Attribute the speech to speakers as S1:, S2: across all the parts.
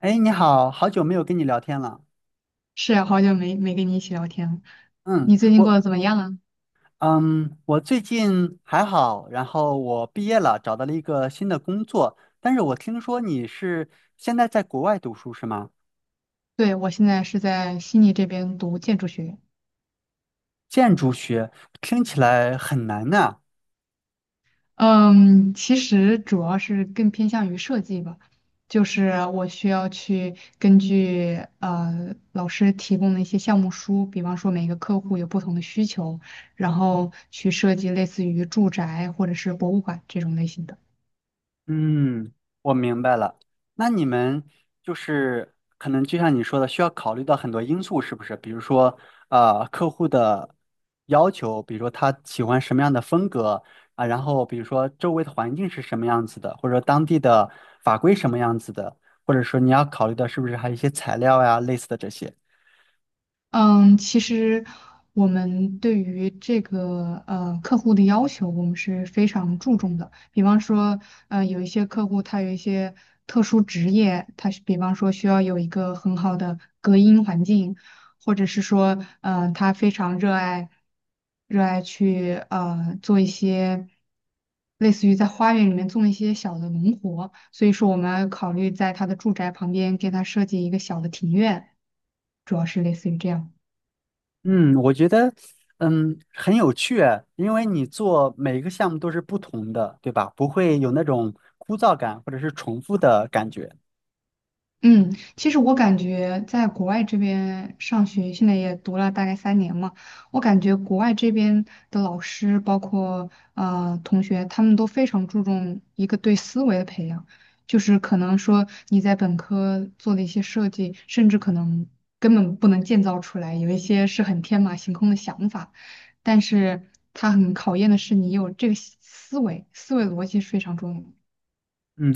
S1: 哎，你好，好久没有跟你聊天了。
S2: 是啊，好久没跟你一起聊天了，
S1: 嗯，
S2: 你最近过
S1: 我
S2: 得怎么样啊？
S1: 嗯，我最近还好，然后我毕业了，找到了一个新的工作。但是我听说你是现在在国外读书是吗？
S2: 对，我现在是在悉尼这边读建筑学院，
S1: 建筑学听起来很难呐。
S2: 嗯，其实主要是更偏向于设计吧，就是我需要去根据老师提供的一些项目书，比方说每个客户有不同的需求，然后去设计类似于住宅或者是博物馆这种类型的。
S1: 嗯，我明白了。那你们就是可能就像你说的，需要考虑到很多因素，是不是？比如说，客户的要求，比如说他喜欢什么样的风格啊，然后比如说周围的环境是什么样子的，或者说当地的法规什么样子的，或者说你要考虑的是不是还有一些材料呀，类似的这些。
S2: 嗯，其实我们对于这个客户的要求，我们是非常注重的。比方说，有一些客户他有一些特殊职业，他是比方说需要有一个很好的隔音环境，或者是说，他非常热爱去做一些类似于在花园里面种一些小的农活，所以说我们考虑在他的住宅旁边给他设计一个小的庭院，主要是类似于这样。
S1: 嗯，我觉得，嗯，很有趣啊，因为你做每一个项目都是不同的，对吧？不会有那种枯燥感或者是重复的感觉。
S2: 嗯，其实我感觉在国外这边上学，现在也读了大概三年嘛，我感觉国外这边的老师，包括同学，他们都非常注重一个对思维的培养，就是可能说你在本科做的一些设计，甚至可能根本不能建造出来，有一些是很天马行空的想法，但是它很考验的是你有这个思维，思维逻辑是非常重要的。
S1: 嗯，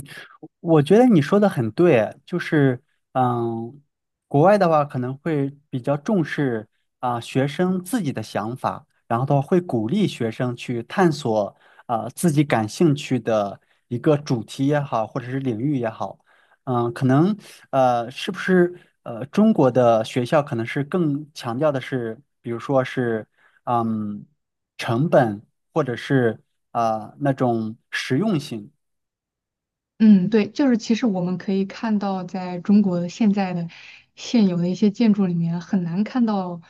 S1: 我觉得你说的很对，就是嗯，国外的话可能会比较重视啊、学生自己的想法，然后的话会鼓励学生去探索啊、自己感兴趣的一个主题也好，或者是领域也好，嗯，可能是不是中国的学校可能是更强调的是，比如说是嗯成本或者是啊、那种实用性。
S2: 嗯，对，就是其实我们可以看到，在中国现在的现有的一些建筑里面，很难看到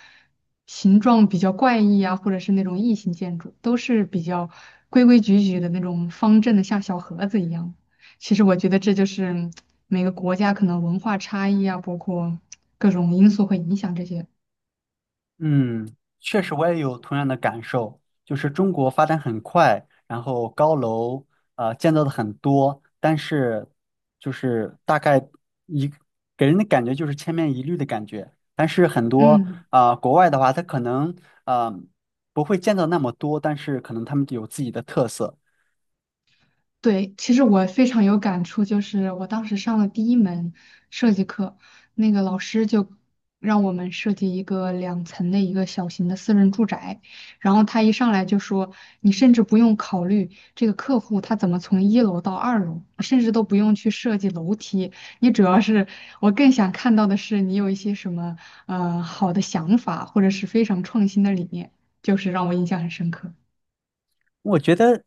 S2: 形状比较怪异啊，或者是那种异形建筑，都是比较规规矩矩的那种方正的，像小盒子一样。其实我觉得这就是每个国家可能文化差异啊，包括各种因素会影响这些。
S1: 嗯，确实我也有同样的感受，就是中国发展很快，然后高楼建造的很多，但是就是大概一给人的感觉就是千篇一律的感觉。但是很多
S2: 嗯。
S1: 啊、国外的话，他可能啊不会建造那么多，但是可能他们有自己的特色。
S2: 对，其实我非常有感触，就是我当时上了第一门设计课，那个老师就让我们设计一个两层的一个小型的私人住宅，然后他一上来就说，你甚至不用考虑这个客户他怎么从一楼到二楼，你甚至都不用去设计楼梯，你主要是我更想看到的是你有一些什么好的想法，或者是非常创新的理念，就是让我印象很深刻。
S1: 我觉得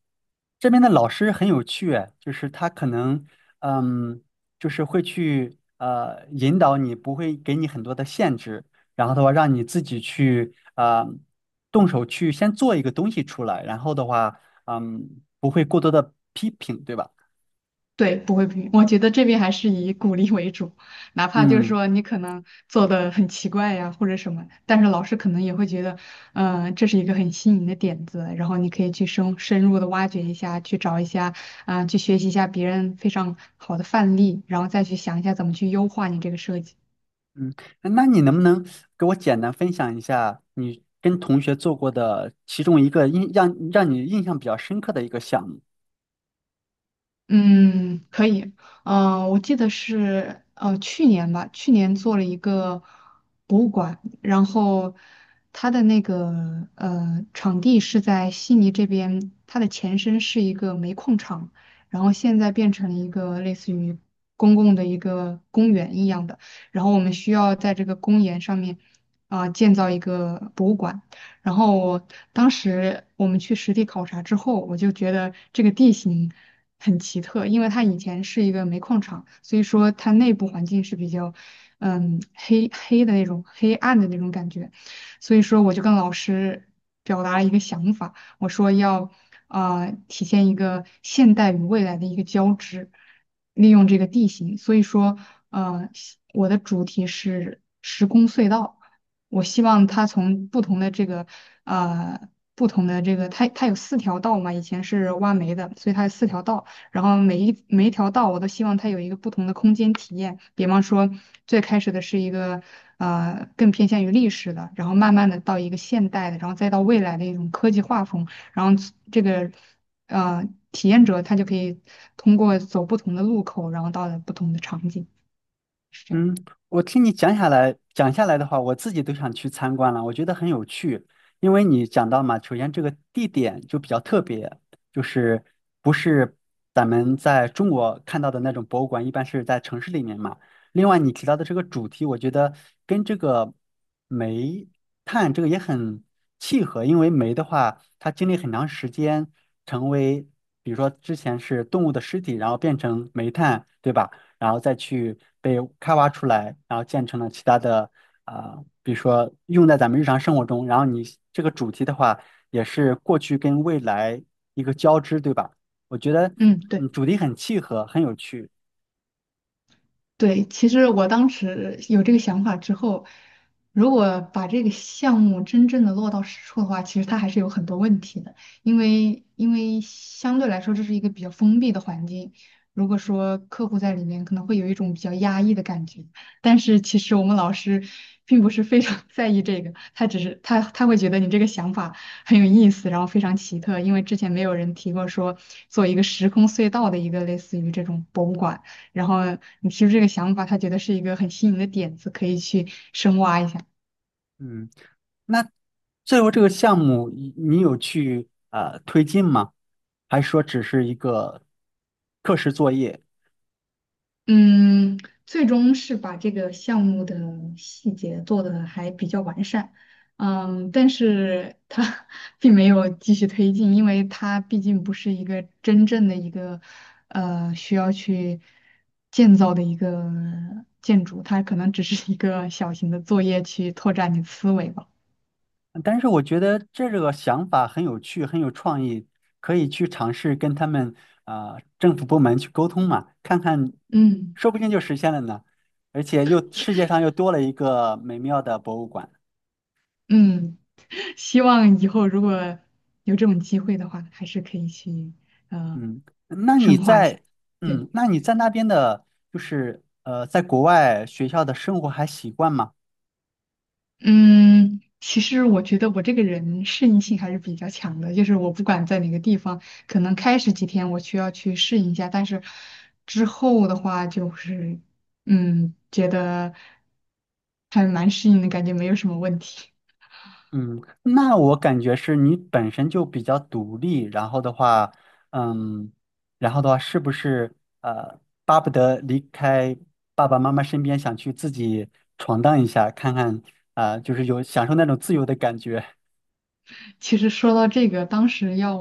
S1: 这边的老师很有趣，哎就是他可能，嗯，就是会去引导你，不会给你很多的限制，然后的话让你自己去动手去先做一个东西出来，然后的话，嗯，不会过多的批评，对吧？
S2: 对，不会评。我觉得这边还是以鼓励为主，哪怕就是
S1: 嗯
S2: 说你可能做的很奇怪呀，或者什么，但是老师可能也会觉得，嗯、这是一个很新颖的点子，然后你可以去深入的挖掘一下，去找一下，啊、去学习一下别人非常好的范例，然后再去想一下怎么去优化你这个设计。
S1: 嗯，那你能不能给我简单分享一下你跟同学做过的其中一个印让你印象比较深刻的一个项目？
S2: 嗯，可以。嗯、我记得是去年吧，去年做了一个博物馆，然后它的那个场地是在悉尼这边，它的前身是一个煤矿场，然后现在变成了一个类似于公共的一个公园一样的，然后我们需要在这个公园上面啊、建造一个博物馆。然后我当时我们去实地考察之后，我就觉得这个地形。很奇特，因为它以前是一个煤矿厂，所以说它内部环境是比较，嗯，黑黑的那种黑暗的那种感觉，所以说我就跟老师表达了一个想法，我说要啊体现一个现代与未来的一个交织，利用这个地形，所以说呃我的主题是时空隧道。我希望它从不同的这个呃不同的这个，它有四条道嘛，以前是挖煤的，所以它有四条道。然后每一条道我都希望它有一个不同的空间体验。比方说，最开始的是一个更偏向于历史的，然后慢慢的到一个现代的，然后再到未来的一种科技画风，然后这个体验者他就可以通过走不同的路口，然后到了不同的场景，是这样。
S1: 嗯，我听你讲下来的话，我自己都想去参观了，我觉得很有趣。因为你讲到嘛，首先这个地点就比较特别，就是不是咱们在中国看到的那种博物馆，一般是在城市里面嘛。另外，你提到的这个主题，我觉得跟这个煤炭这个也很契合，因为煤的话，它经历很长时间成为，比如说之前是动物的尸体，然后变成煤炭，对吧？然后再去被开发出来，然后建成了其他的啊、比如说用在咱们日常生活中。然后你这个主题的话，也是过去跟未来一个交织，对吧？我觉得
S2: 嗯，
S1: 嗯，
S2: 对。
S1: 主题很契合，很有趣。
S2: 对，其实我当时有这个想法之后，如果把这个项目真正的落到实处的话，其实它还是有很多问题的，因为相对来说这是一个比较封闭的环境，如果说客户在里面可能会有一种比较压抑的感觉，但是其实我们老师并不是非常 在意这个，他只是他会觉得你这个想法很有意思，然后非常奇特，因为之前没有人提过说做一个时空隧道的一个类似于这种博物馆。然后你提出这个想法，他觉得是一个很新颖的点子，可以去深挖一下。
S1: 嗯，那最后这个项目你有去啊推进吗？还是说只是一个课时作业？
S2: 嗯，最终是把这个项目的细节做的还比较完善，嗯，但是它 并没有继续推进，因为它毕竟不是一个真正的一个需要去建造的一个建筑，它可能只是一个小型的作业去拓展你的思维吧。
S1: 但是我觉得这个想法很有趣，很有创意，可以去尝试跟他们啊、政府部门去沟通嘛，看看，
S2: 嗯
S1: 说不定就实现了呢。而且又世界上又多了一个美妙的博物馆。
S2: 嗯。希望以后如果有这种机会的话，还是可以去呃
S1: 嗯，那你
S2: 深化一下。
S1: 在
S2: 对，
S1: 嗯，那你在那边的，就是在国外学校的生活还习惯吗？
S2: 嗯，其实我觉得我这个人适应性还是比较强的，就是我不管在哪个地方，可能开始几天我需要去适应一下，但是之后的话就是嗯，觉得还蛮适应的感觉，没有什么问题。
S1: 嗯，那我感觉是你本身就比较独立，然后的话，嗯，然后的话，是不是呃，巴不得离开爸爸妈妈身边，想去自己闯荡一下，看看啊，就是有享受那种自由的感觉，
S2: 其实说到这个，当时要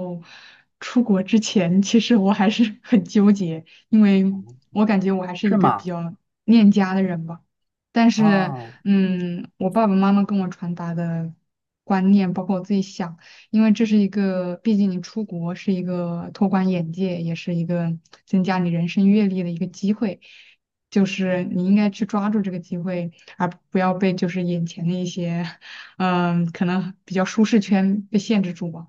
S2: 出国之前，其实我还是 很纠结，因为我感觉我还是
S1: 是
S2: 一个比
S1: 吗？
S2: 较恋家的人吧。但是，
S1: 啊，
S2: 嗯，我爸爸妈妈跟我传达的观念，包括我自己想，因为这是一个，毕竟你出国是一个拓宽眼界，也是一个增加你人生阅历的一个机会，就是你应该去抓住这个机会，而不要被就是眼前的一些 嗯，可能比较舒适圈被限制住吧。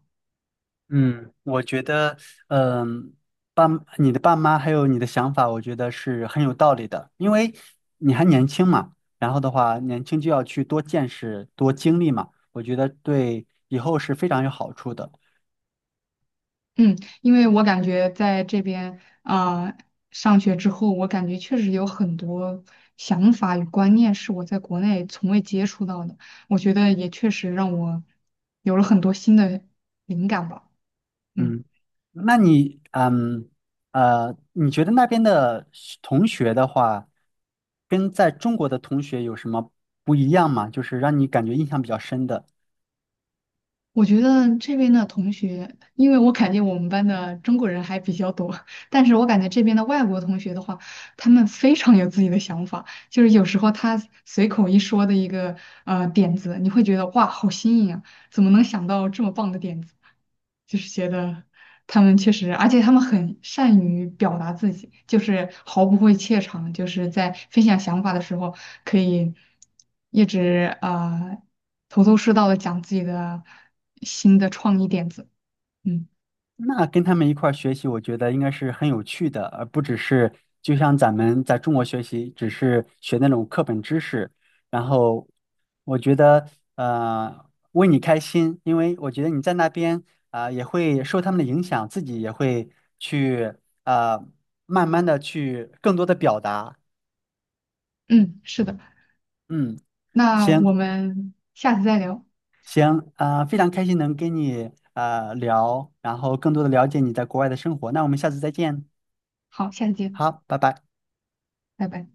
S1: 嗯，我觉得，嗯，爸，你的爸妈还有你的想法，我觉得是很有道理的，因为你还年轻嘛，然后的话，年轻就要去多见识、多经历嘛，我觉得对以后是非常有好处的。
S2: 嗯，因为我感觉在这边啊，上学之后，我感觉确实有很多想法与观念是我在国内从未接触到的，我觉得也确实让我有了很多新的灵感吧。嗯。
S1: 嗯，那你，嗯，你觉得那边的学同学的话，跟在中国的同学有什么不一样吗？就是让你感觉印象比较深的。
S2: 我觉得这边的同学，因为我感觉我们班的中国人还比较多，但是我感觉这边的外国同学的话，他们非常有自己的想法，就是有时候他随口一说的一个点子，你会觉得哇，好新颖啊，怎么能想到这么棒的点子？就是觉得他们确实，而且他们很善于表达自己，就是毫不会怯场，就是在分享想法的时候，可以一直头头是道的讲自己的新的创意点子。嗯
S1: 那跟他们一块儿学习，我觉得应该是很有趣的，而不只是就像咱们在中国学习，只是学那种课本知识。然后我觉得，为你开心，因为我觉得你在那边啊、也会受他们的影响，自己也会去呃，慢慢的去更多的表达。
S2: 嗯，是的，
S1: 嗯，
S2: 那我
S1: 行
S2: 们下次再聊，
S1: 行，啊，非常开心能跟你啊聊，然后更多的了解你在国外的生活。那我们下次再见，
S2: 好，下次见，
S1: 好，拜拜。
S2: 拜拜。